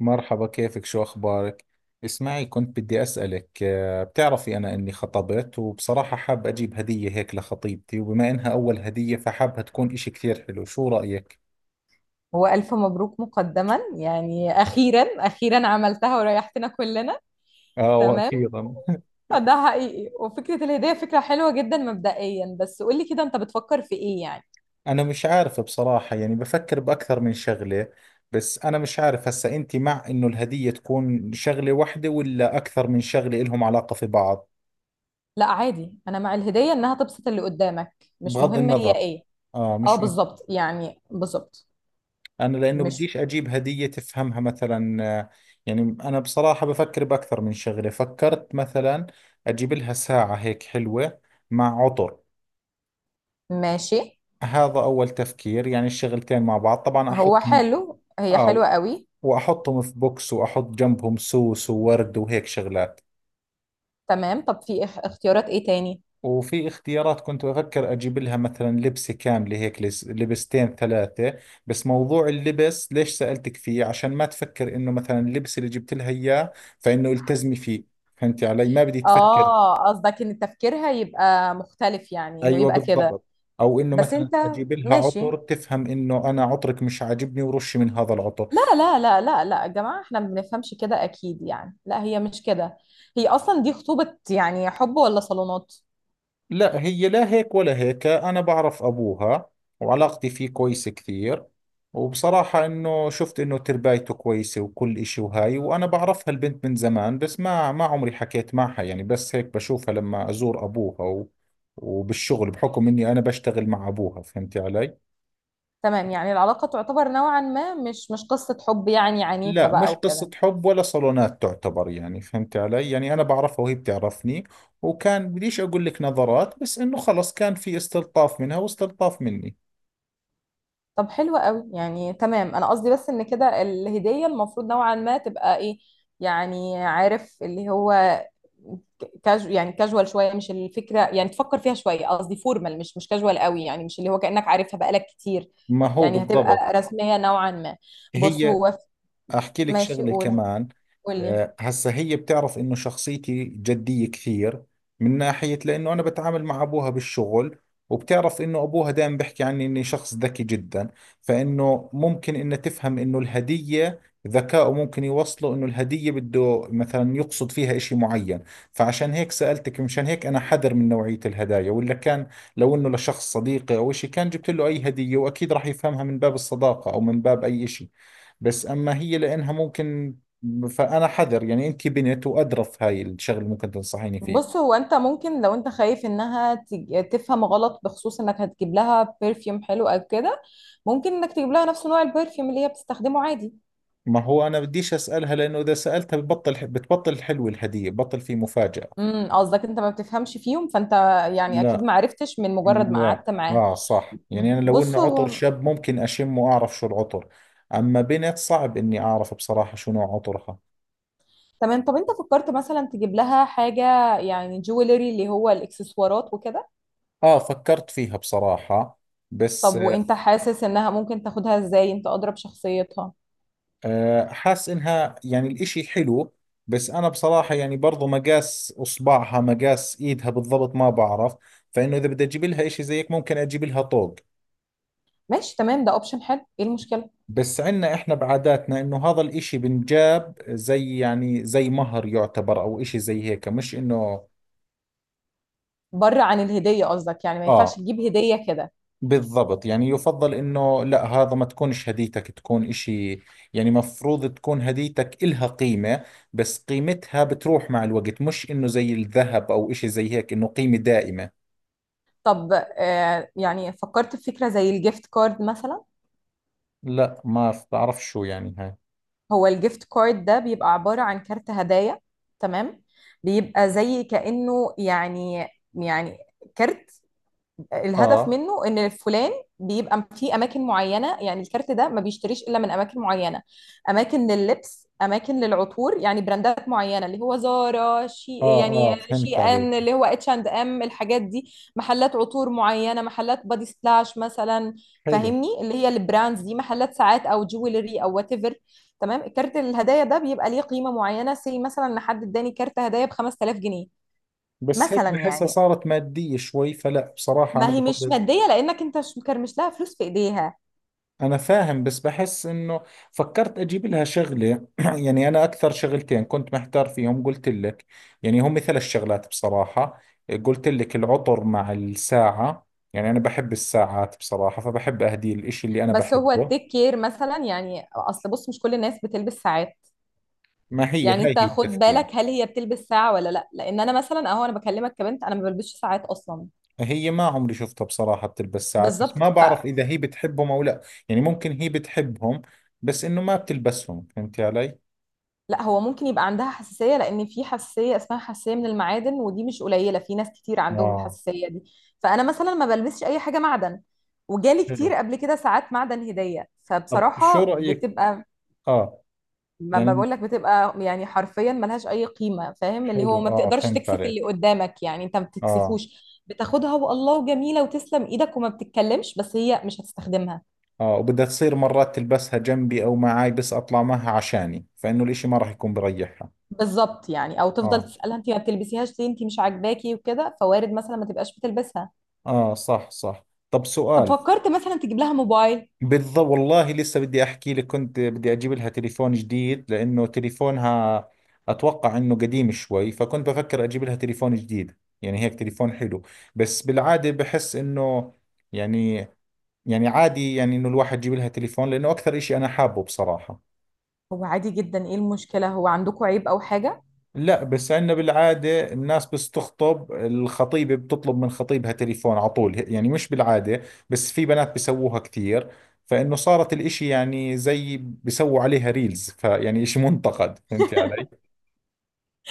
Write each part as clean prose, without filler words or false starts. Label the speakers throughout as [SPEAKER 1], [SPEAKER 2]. [SPEAKER 1] مرحبا، كيفك؟ شو أخبارك؟ اسمعي، كنت بدي أسألك بتعرفي أنا إني خطبت، وبصراحة حاب أجيب هدية هيك لخطيبتي، وبما إنها أول هدية فحابها تكون إشي كثير حلو. شو رأيك؟
[SPEAKER 2] هو ألف مبروك مقدما، يعني أخيرا عملتها وريحتنا كلنا.
[SPEAKER 1] آه،
[SPEAKER 2] تمام.
[SPEAKER 1] وأخيرا.
[SPEAKER 2] ده حقيقي، وفكرة الهدية فكرة حلوة جدا مبدئيا، بس قولي كده أنت بتفكر في إيه يعني؟
[SPEAKER 1] أنا مش عارف بصراحة، يعني بفكر بأكثر من شغلة. بس أنا مش عارف هسا أنت مع إنه الهدية تكون شغلة واحدة ولا أكثر من شغلة إلهم علاقة في بعض.
[SPEAKER 2] لا عادي، أنا مع الهدية إنها تبسط اللي قدامك، مش
[SPEAKER 1] بغض
[SPEAKER 2] مهم هي
[SPEAKER 1] النظر.
[SPEAKER 2] إيه.
[SPEAKER 1] آه،
[SPEAKER 2] أه
[SPEAKER 1] مش
[SPEAKER 2] بالظبط، يعني بالظبط.
[SPEAKER 1] انا لانه
[SPEAKER 2] مش
[SPEAKER 1] بديش اجيب هدية تفهمها مثلا، يعني انا بصراحة بفكر باكثر من شغلة. فكرت مثلا اجيب لها ساعة هيك حلوة مع عطر.
[SPEAKER 2] ماشي.
[SPEAKER 1] هذا اول تفكير، يعني الشغلتين مع بعض طبعا
[SPEAKER 2] هو
[SPEAKER 1] احطهم.
[SPEAKER 2] حلو، هي حلوة
[SPEAKER 1] اه،
[SPEAKER 2] قوي.
[SPEAKER 1] واحطهم في بوكس واحط جنبهم سوس وورد وهيك شغلات.
[SPEAKER 2] تمام، طب في اختيارات إيه تاني؟
[SPEAKER 1] وفي اختيارات، كنت بفكر اجيب لها مثلا لبسة كاملة هيك، لبستين ثلاثة. بس موضوع اللبس ليش سألتك فيه؟ عشان ما تفكر انه مثلا اللبس اللي جبت لها اياه، فانه التزمي فيه. فهمتي علي؟ ما بدي تفكر
[SPEAKER 2] آه قصدك إن تفكيرها يبقى مختلف، يعني إنه
[SPEAKER 1] ايوه
[SPEAKER 2] يبقى كده.
[SPEAKER 1] بالضبط، او انه
[SPEAKER 2] بس
[SPEAKER 1] مثلا
[SPEAKER 2] أنت
[SPEAKER 1] اجيب لها عطر
[SPEAKER 2] ماشي.
[SPEAKER 1] تفهم انه انا عطرك مش عاجبني ورشي من هذا العطر.
[SPEAKER 2] لا لا لا لا لا يا جماعة، احنا ما بنفهمش كده اكيد يعني، لا هي مش كده. هي اصلا دي خطوبة يعني، حب ولا صالونات.
[SPEAKER 1] لا، هي لا هيك ولا هيك. أنا بعرف أبوها وعلاقتي فيه كويسة كثير، وبصراحة إنه شفت إنه تربايته كويسة وكل إشي. وهاي، وأنا بعرفها البنت من زمان، بس ما عمري حكيت معها، يعني بس هيك بشوفها لما أزور أبوها، و وبالشغل بحكم إني أنا بشتغل مع أبوها. فهمتي علي؟
[SPEAKER 2] تمام، يعني العلاقة تعتبر نوعا ما مش قصة حب يعني عنيفة
[SPEAKER 1] لا،
[SPEAKER 2] بقى
[SPEAKER 1] مش قصة
[SPEAKER 2] وكده.
[SPEAKER 1] حب ولا صالونات تعتبر، يعني فهمتي علي؟ يعني أنا بعرفها وهي بتعرفني، وكان بديش أقول لك نظرات، بس إنه خلص كان في استلطاف منها واستلطاف مني.
[SPEAKER 2] طب حلو قوي يعني، تمام انا قصدي بس ان كده الهدية المفروض نوعا ما تبقى ايه، يعني عارف اللي هو كاجو يعني كاجوال شوية، مش الفكرة يعني تفكر فيها شوية، قصدي فورمال مش كاجوال قوي، يعني مش اللي هو كأنك عارفها بقالك كتير،
[SPEAKER 1] ما هو
[SPEAKER 2] يعني هتبقى
[SPEAKER 1] بالضبط.
[SPEAKER 2] رسمية نوعا ما. بص
[SPEAKER 1] هي،
[SPEAKER 2] هو
[SPEAKER 1] احكي لك
[SPEAKER 2] ماشي،
[SPEAKER 1] شغله
[SPEAKER 2] قول،
[SPEAKER 1] كمان.
[SPEAKER 2] قول لي.
[SPEAKER 1] هسه هي بتعرف انه شخصيتي جديه كثير، من ناحيه لانه انا بتعامل مع ابوها بالشغل، وبتعرف انه ابوها دائما بيحكي عني اني شخص ذكي جدا. فانه ممكن انه تفهم انه الهديه، ذكائه ممكن يوصله انه الهديه بده مثلا يقصد فيها اشي معين. فعشان هيك سالتك. مشان هيك انا حذر من نوعيه الهدايا، ولا كان لو انه لشخص صديقي او اشي كان جبت له اي هديه، واكيد راح يفهمها من باب الصداقه او من باب اي اشي. بس أما هي لأنها ممكن، فأنا حذر. يعني أنت بنت وأدرى في هاي الشغلة اللي ممكن تنصحيني
[SPEAKER 2] بص
[SPEAKER 1] فيه.
[SPEAKER 2] هو انت ممكن لو انت خايف انها تفهم غلط بخصوص انك هتجيب لها برفيوم حلو او كده، ممكن انك تجيب لها نفس نوع البرفيوم اللي هي بتستخدمه عادي.
[SPEAKER 1] ما هو أنا بديش أسألها، لأنه إذا سألتها ببطل بتبطل حلوة الهدية، بطل في مفاجأة.
[SPEAKER 2] قصدك انت ما بتفهمش فيهم فانت، يعني اكيد
[SPEAKER 1] لا،
[SPEAKER 2] ما عرفتش من مجرد ما
[SPEAKER 1] لا
[SPEAKER 2] قعدت معاها.
[SPEAKER 1] آه صح. يعني أنا لو إنه
[SPEAKER 2] بص
[SPEAKER 1] عطر
[SPEAKER 2] هو.
[SPEAKER 1] شاب ممكن أشم وأعرف شو العطر، أما بنت صعب إني أعرف بصراحة شو نوع عطرها.
[SPEAKER 2] تمام، طب انت فكرت مثلا تجيب لها حاجة، يعني جويلري اللي هو الاكسسوارات وكده؟
[SPEAKER 1] آه، فكرت فيها بصراحة، بس
[SPEAKER 2] طب وانت حاسس انها ممكن تاخدها ازاي؟ انت اضرب شخصيتها.
[SPEAKER 1] أه، حاس انها يعني الاشي حلو، بس انا بصراحة يعني برضو مقاس اصبعها مقاس ايدها بالضبط ما بعرف. فانه اذا بدي اجيب لها اشي زيك ممكن اجيب لها طوق.
[SPEAKER 2] ماشي تمام، ده اوبشن حلو، ايه المشكلة؟
[SPEAKER 1] بس عندنا احنا بعاداتنا انه هذا الاشي بنجاب زي يعني زي مهر يعتبر، او اشي زي هيك، مش انه.
[SPEAKER 2] بره عن الهدية قصدك، يعني ما ينفعش
[SPEAKER 1] اه،
[SPEAKER 2] تجيب هدية كده.
[SPEAKER 1] بالضبط. يعني يفضل انه لا، هذا ما تكونش هديتك، تكون اشي. يعني مفروض تكون هديتك إلها قيمة، بس قيمتها بتروح مع الوقت، مش انه زي الذهب او اشي زي هيك انه قيمة دائمة.
[SPEAKER 2] طب آه، يعني فكرت في فكرة زي الجيفت كارد مثلا؟
[SPEAKER 1] لا، ما بعرف شو يعني هاي.
[SPEAKER 2] هو الجيفت كارد ده بيبقى عبارة عن كارت هدايا. تمام. بيبقى زي كأنه يعني، يعني كارت، الهدف
[SPEAKER 1] اه،
[SPEAKER 2] منه ان فلان بيبقى في اماكن معينه، يعني الكارت ده ما بيشتريش الا من اماكن معينه، اماكن لللبس، اماكن للعطور، يعني براندات معينه اللي هو زارا، شي
[SPEAKER 1] اه،
[SPEAKER 2] يعني،
[SPEAKER 1] اه،
[SPEAKER 2] شي
[SPEAKER 1] فهمت عليك.
[SPEAKER 2] ان اللي هو اتش اند ام، الحاجات دي، محلات عطور معينه، محلات بادي سلاش مثلا.
[SPEAKER 1] حلو.
[SPEAKER 2] فاهمني اللي هي البراندز دي، محلات ساعات او جويلري او وات ايفر. تمام، الكارت الهدايا ده بيبقى ليه قيمه معينه، سي مثلا ان حد اداني كارت هدايا ب 5000 جنيه
[SPEAKER 1] بس هيك
[SPEAKER 2] مثلا
[SPEAKER 1] بحسها
[SPEAKER 2] يعني.
[SPEAKER 1] صارت مادية شوي، فلا بصراحة انا
[SPEAKER 2] ما هي مش
[SPEAKER 1] بفضل.
[SPEAKER 2] مادية لأنك أنت مش مكرمش لها فلوس في إيديها.
[SPEAKER 1] أنا فاهم، بس بحس إنه فكرت أجيب لها شغلة. يعني أنا أكثر شغلتين كنت محتار فيهم قلت لك، يعني هم ثلاث شغلات بصراحة. قلت لك العطر مع الساعة. يعني أنا بحب الساعات بصراحة، فبحب أهدي الإشي اللي أنا
[SPEAKER 2] بس هو
[SPEAKER 1] بحبه.
[SPEAKER 2] التيك كير مثلا، يعني أصل بص مش كل الناس بتلبس ساعات،
[SPEAKER 1] ما هي
[SPEAKER 2] يعني
[SPEAKER 1] هاي
[SPEAKER 2] أنت
[SPEAKER 1] هي
[SPEAKER 2] خد
[SPEAKER 1] التفكير.
[SPEAKER 2] بالك هل هي بتلبس ساعة ولا لأ، لأن أنا مثلا أهو أنا بكلمك كبنت، أنا ما بلبسش ساعات أصلا.
[SPEAKER 1] هي ما عمري شفتها بصراحة بتلبس ساعات، بس
[SPEAKER 2] بالظبط
[SPEAKER 1] ما بعرف
[SPEAKER 2] فلا.
[SPEAKER 1] إذا هي بتحبهم أو لا. يعني ممكن هي بتحبهم، بس إنه ما بتلبسهم. فهمتي علي؟
[SPEAKER 2] هو ممكن يبقى عندها حساسية، لأن في حساسية اسمها حساسية من المعادن، ودي مش قليلة، في ناس كتير عندهم
[SPEAKER 1] آه.
[SPEAKER 2] الحساسية دي. فأنا مثلا ما بلبسش أي حاجة معدن، وجالي
[SPEAKER 1] حلو.
[SPEAKER 2] كتير قبل كده ساعات معدن هدية،
[SPEAKER 1] طب شو
[SPEAKER 2] فبصراحة
[SPEAKER 1] رأيك؟
[SPEAKER 2] بتبقى،
[SPEAKER 1] آه.
[SPEAKER 2] ما
[SPEAKER 1] يعني
[SPEAKER 2] بقولك بتبقى يعني حرفيا ملهاش اي قيمه، فاهم اللي
[SPEAKER 1] حلو
[SPEAKER 2] هو ما
[SPEAKER 1] اه،
[SPEAKER 2] بتقدرش
[SPEAKER 1] فهمت
[SPEAKER 2] تكسف اللي
[SPEAKER 1] عليك.
[SPEAKER 2] قدامك يعني، انت ما
[SPEAKER 1] اه،
[SPEAKER 2] بتكسفوش. بتاخدها والله جميله وتسلم ايدك وما بتتكلمش، بس هي مش هتستخدمها.
[SPEAKER 1] اه وبدها تصير مرات تلبسها جنبي او معاي، بس اطلع معها عشاني، فانه الاشي ما راح يكون بريحها.
[SPEAKER 2] بالظبط يعني، او تفضل
[SPEAKER 1] اه،
[SPEAKER 2] تسالها انت ما بتلبسيهاش ليه، انت مش عاجباكي وكده، فوارد مثلا ما تبقاش بتلبسها.
[SPEAKER 1] اه صح صح. طب
[SPEAKER 2] طب
[SPEAKER 1] سؤال.
[SPEAKER 2] فكرت مثلا تجيب لها موبايل؟
[SPEAKER 1] بالضبط والله، لسه بدي احكي لك، كنت بدي اجيب لها تليفون جديد لانه تليفونها اتوقع انه قديم شوي، فكنت بفكر اجيب لها تليفون جديد، يعني هيك تليفون حلو. بس بالعادة بحس انه يعني، يعني عادي، يعني انه الواحد يجيب لها تليفون، لانه اكثر اشي انا حابه بصراحة.
[SPEAKER 2] هو عادي جدا، ايه المشكله، هو عندكم عيب او حاجه؟
[SPEAKER 1] لا، بس عندنا بالعادة الناس بس تخطب الخطيبة بتطلب من خطيبها تليفون على طول، يعني مش بالعادة، بس في بنات بيسووها كثير. فإنه صارت الإشي يعني زي بيسووا عليها ريلز، فيعني إشي منتقد. فهمتي علي؟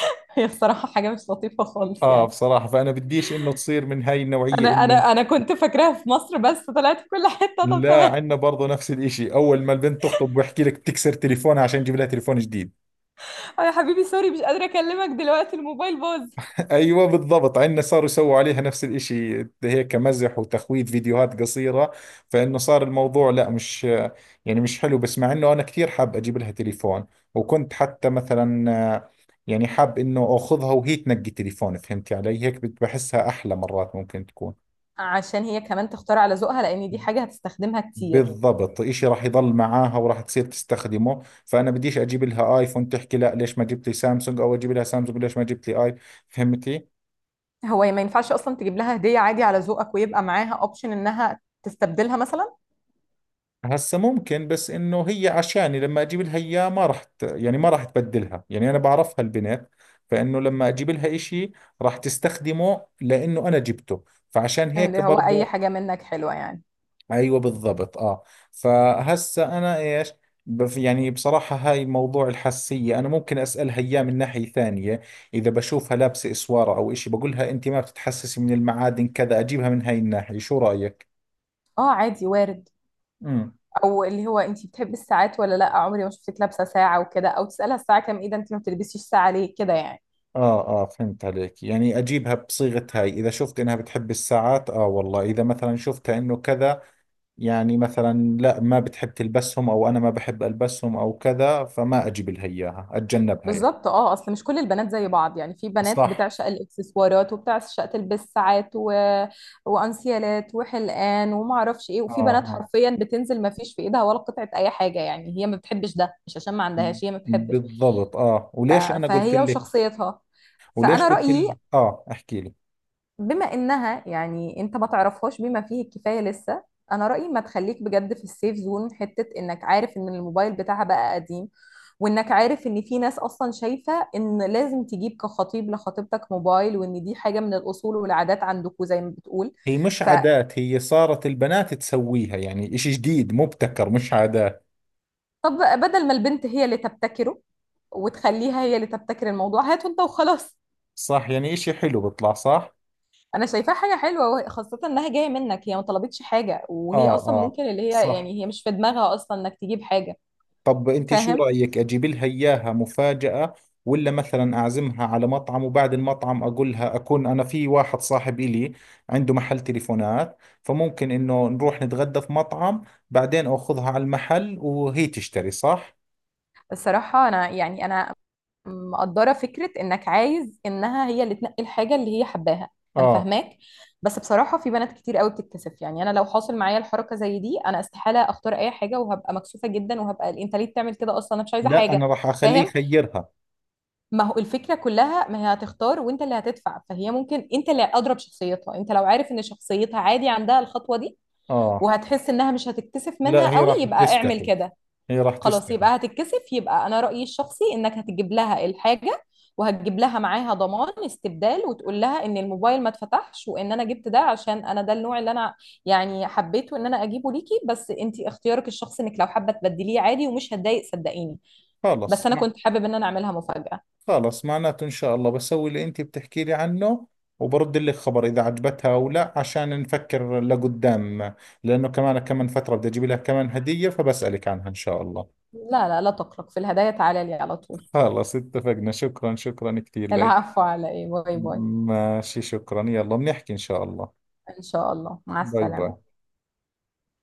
[SPEAKER 2] هي بصراحه حاجه مش لطيفه خالص
[SPEAKER 1] آه،
[SPEAKER 2] يعني.
[SPEAKER 1] بصراحة، فأنا بديش إنه تصير من هاي النوعية
[SPEAKER 2] انا
[SPEAKER 1] إنه.
[SPEAKER 2] انا انا كنت فاكراها في مصر بس طلعت في كل حته، طب
[SPEAKER 1] لا،
[SPEAKER 2] تمام.
[SPEAKER 1] عندنا برضه نفس الإشي، أول ما البنت تخطب بحكي لك تكسر تليفونها عشان يجيب لها تليفون جديد.
[SPEAKER 2] يا حبيبي سوري مش قادرة أكلمك دلوقتي الموبايل باظ.
[SPEAKER 1] ايوه بالضبط، عندنا صاروا يسووا عليها نفس الاشي هيك مزح وتخويف، فيديوهات قصيره. فانه صار الموضوع لا، مش يعني مش حلو، بس مع انه انا كثير حاب اجيب لها تليفون، وكنت حتى مثلا، آه، يعني حاب انه اخذها وهي تنقي تليفون. فهمتي علي؟ هيك بحسها احلى، مرات ممكن تكون.
[SPEAKER 2] عشان هي كمان تختار على ذوقها، لان دي حاجه هتستخدمها كتير.
[SPEAKER 1] بالضبط، اشي راح يضل معاها وراح تصير تستخدمه. فانا بديش اجيب لها ايفون تحكي لا ليش ما جبت لي سامسونج، او اجيب لها سامسونج ليش ما جبت لي اي. فهمتي؟
[SPEAKER 2] هو ما ينفعش اصلا تجيب لها هديه عادي على ذوقك ويبقى معاها اوبشن انها تستبدلها مثلا؟
[SPEAKER 1] هسا ممكن، بس انه هي عشاني لما اجيب لها اياه ما راح يعني ما راح تبدلها، يعني انا بعرفها البنت. فانه لما اجيب لها اشي راح تستخدمه لانه انا جبته، فعشان هيك
[SPEAKER 2] اللي هو اي
[SPEAKER 1] برضه.
[SPEAKER 2] حاجه منك حلوه يعني.
[SPEAKER 1] ايوه بالضبط اه. فهسا انا ايش؟ يعني بصراحة هاي موضوع الحساسية، أنا ممكن أسألها إياه من ناحية ثانية. إذا بشوفها لابسة إسوارة أو إشي بقولها أنت ما بتتحسسي من المعادن كذا، أجيبها من هاي الناحية. شو رأيك؟
[SPEAKER 2] اه عادي وارد. او اللي هو انت بتحبي الساعات ولا لا عمري ما شفتك لابسه ساعه وكده، او تسالها الساعه كام، ايه ده انت ما بتلبسيش ساعه ليه كده يعني.
[SPEAKER 1] آه آه، فهمت عليك. يعني أجيبها بصيغة هاي إذا شفت إنها بتحب الساعات. آه والله، إذا مثلا شفتها إنه كذا، يعني مثلا لا، ما بتحب تلبسهم، أو أنا ما بحب ألبسهم أو كذا، فما أجيب لها إياها، أتجنبها يعني.
[SPEAKER 2] بالظبط اه، اصل مش كل البنات زي بعض، يعني في بنات
[SPEAKER 1] صح.
[SPEAKER 2] بتعشق الاكسسوارات وبتعشق تلبس ساعات و... وانسيالات وحلقان وما اعرفش ايه،
[SPEAKER 1] آه
[SPEAKER 2] وفي بنات
[SPEAKER 1] آه
[SPEAKER 2] حرفيا بتنزل ما فيش في ايدها ولا قطعه اي حاجه، يعني هي ما بتحبش ده، مش عشان ما عندهاش، هي ما بتحبش.
[SPEAKER 1] بالضبط. آه
[SPEAKER 2] ف...
[SPEAKER 1] وليش أنا قلت
[SPEAKER 2] فهي
[SPEAKER 1] لك،
[SPEAKER 2] وشخصيتها،
[SPEAKER 1] وليش
[SPEAKER 2] فانا
[SPEAKER 1] قلت
[SPEAKER 2] رايي
[SPEAKER 1] لك آه، أحكي لك.
[SPEAKER 2] بما انها يعني انت ما تعرفهاش بما فيه الكفايه لسه، انا رايي ما تخليك بجد في السيف زون، حته انك عارف ان الموبايل بتاعها بقى قديم، وانك عارف ان في ناس اصلا شايفه ان لازم تجيب كخطيب لخطيبتك موبايل، وان دي حاجه من الاصول والعادات عندكم زي ما بتقول.
[SPEAKER 1] هي مش
[SPEAKER 2] فطب
[SPEAKER 1] عادات، هي صارت البنات تسويها، يعني إشي جديد مبتكر، مش عادات.
[SPEAKER 2] بدل ما البنت هي اللي تبتكره وتخليها هي اللي تبتكر الموضوع، هاته انت وخلاص.
[SPEAKER 1] صح، يعني إشي حلو بيطلع صح.
[SPEAKER 2] انا شايفاها حاجه حلوه، خاصه انها جايه منك، هي ما طلبتش حاجه،
[SPEAKER 1] آه
[SPEAKER 2] وهي اصلا
[SPEAKER 1] آه
[SPEAKER 2] ممكن اللي هي
[SPEAKER 1] صح.
[SPEAKER 2] يعني هي مش في دماغها اصلا انك تجيب حاجه.
[SPEAKER 1] طب انت شو
[SPEAKER 2] فاهم.
[SPEAKER 1] رأيك، اجيب لها اياها مفاجأة، ولا مثلا اعزمها على مطعم، وبعد المطعم اقول لها، اكون انا في واحد صاحب الي عنده محل تليفونات، فممكن انه نروح نتغدى في مطعم، بعدين اخذها على المحل وهي تشتري، صح؟
[SPEAKER 2] الصراحة أنا يعني أنا مقدرة فكرة إنك عايز إنها هي اللي تنقي الحاجة اللي هي حباها. أنا
[SPEAKER 1] اه،
[SPEAKER 2] فاهماك، بس بصراحة في بنات كتير قوي بتتكسف، يعني أنا لو حاصل معايا الحركة زي دي، أنا استحالة أختار أي حاجة وهبقى مكسوفة جدا، وهبقى أنت ليه بتعمل كده أصلا، أنا مش عايزة
[SPEAKER 1] لا انا
[SPEAKER 2] حاجة.
[SPEAKER 1] راح اخليه
[SPEAKER 2] فاهم.
[SPEAKER 1] يخيرها.
[SPEAKER 2] ما هو الفكرة كلها ما هي هتختار وأنت اللي هتدفع، فهي ممكن، أنت اللي أضرب شخصيتها، أنت لو عارف إن شخصيتها عادي عندها الخطوة دي
[SPEAKER 1] اه،
[SPEAKER 2] وهتحس إنها مش هتتكسف
[SPEAKER 1] لا
[SPEAKER 2] منها
[SPEAKER 1] هي
[SPEAKER 2] قوي
[SPEAKER 1] راح
[SPEAKER 2] يبقى اعمل
[SPEAKER 1] تستحي،
[SPEAKER 2] كده.
[SPEAKER 1] هي راح
[SPEAKER 2] خلاص
[SPEAKER 1] تستحي.
[SPEAKER 2] يبقى هتتكسف، يبقى انا رأيي الشخصي انك هتجيب لها الحاجة وهتجيب لها معاها ضمان استبدال، وتقول لها ان الموبايل ما اتفتحش، وان انا جبت ده عشان انا ده النوع اللي انا يعني حبيته ان انا اجيبه ليكي، بس انت اختيارك الشخصي انك لو حابة تبدليه عادي ومش هتضايق صدقيني. بس
[SPEAKER 1] خلص.
[SPEAKER 2] انا كنت حابب ان انا اعملها مفاجأة.
[SPEAKER 1] خلص، معناته إن شاء الله بسوي اللي أنت بتحكي لي عنه، وبرد لك خبر إذا عجبتها أو لا، عشان نفكر لقدام. لأنه كمان كمان فترة بدي أجيب لها كمان هدية، فبسألك عنها إن شاء الله.
[SPEAKER 2] لا لا لا تقلق، في الهدايا تعالى لي على طول.
[SPEAKER 1] خلص اتفقنا، شكرا، شكرا كثير لك.
[SPEAKER 2] العفو على ايه، باي باي.
[SPEAKER 1] ماشي، شكرا، يلا بنحكي إن شاء الله.
[SPEAKER 2] ان شاء الله، مع
[SPEAKER 1] باي
[SPEAKER 2] السلامة.
[SPEAKER 1] باي.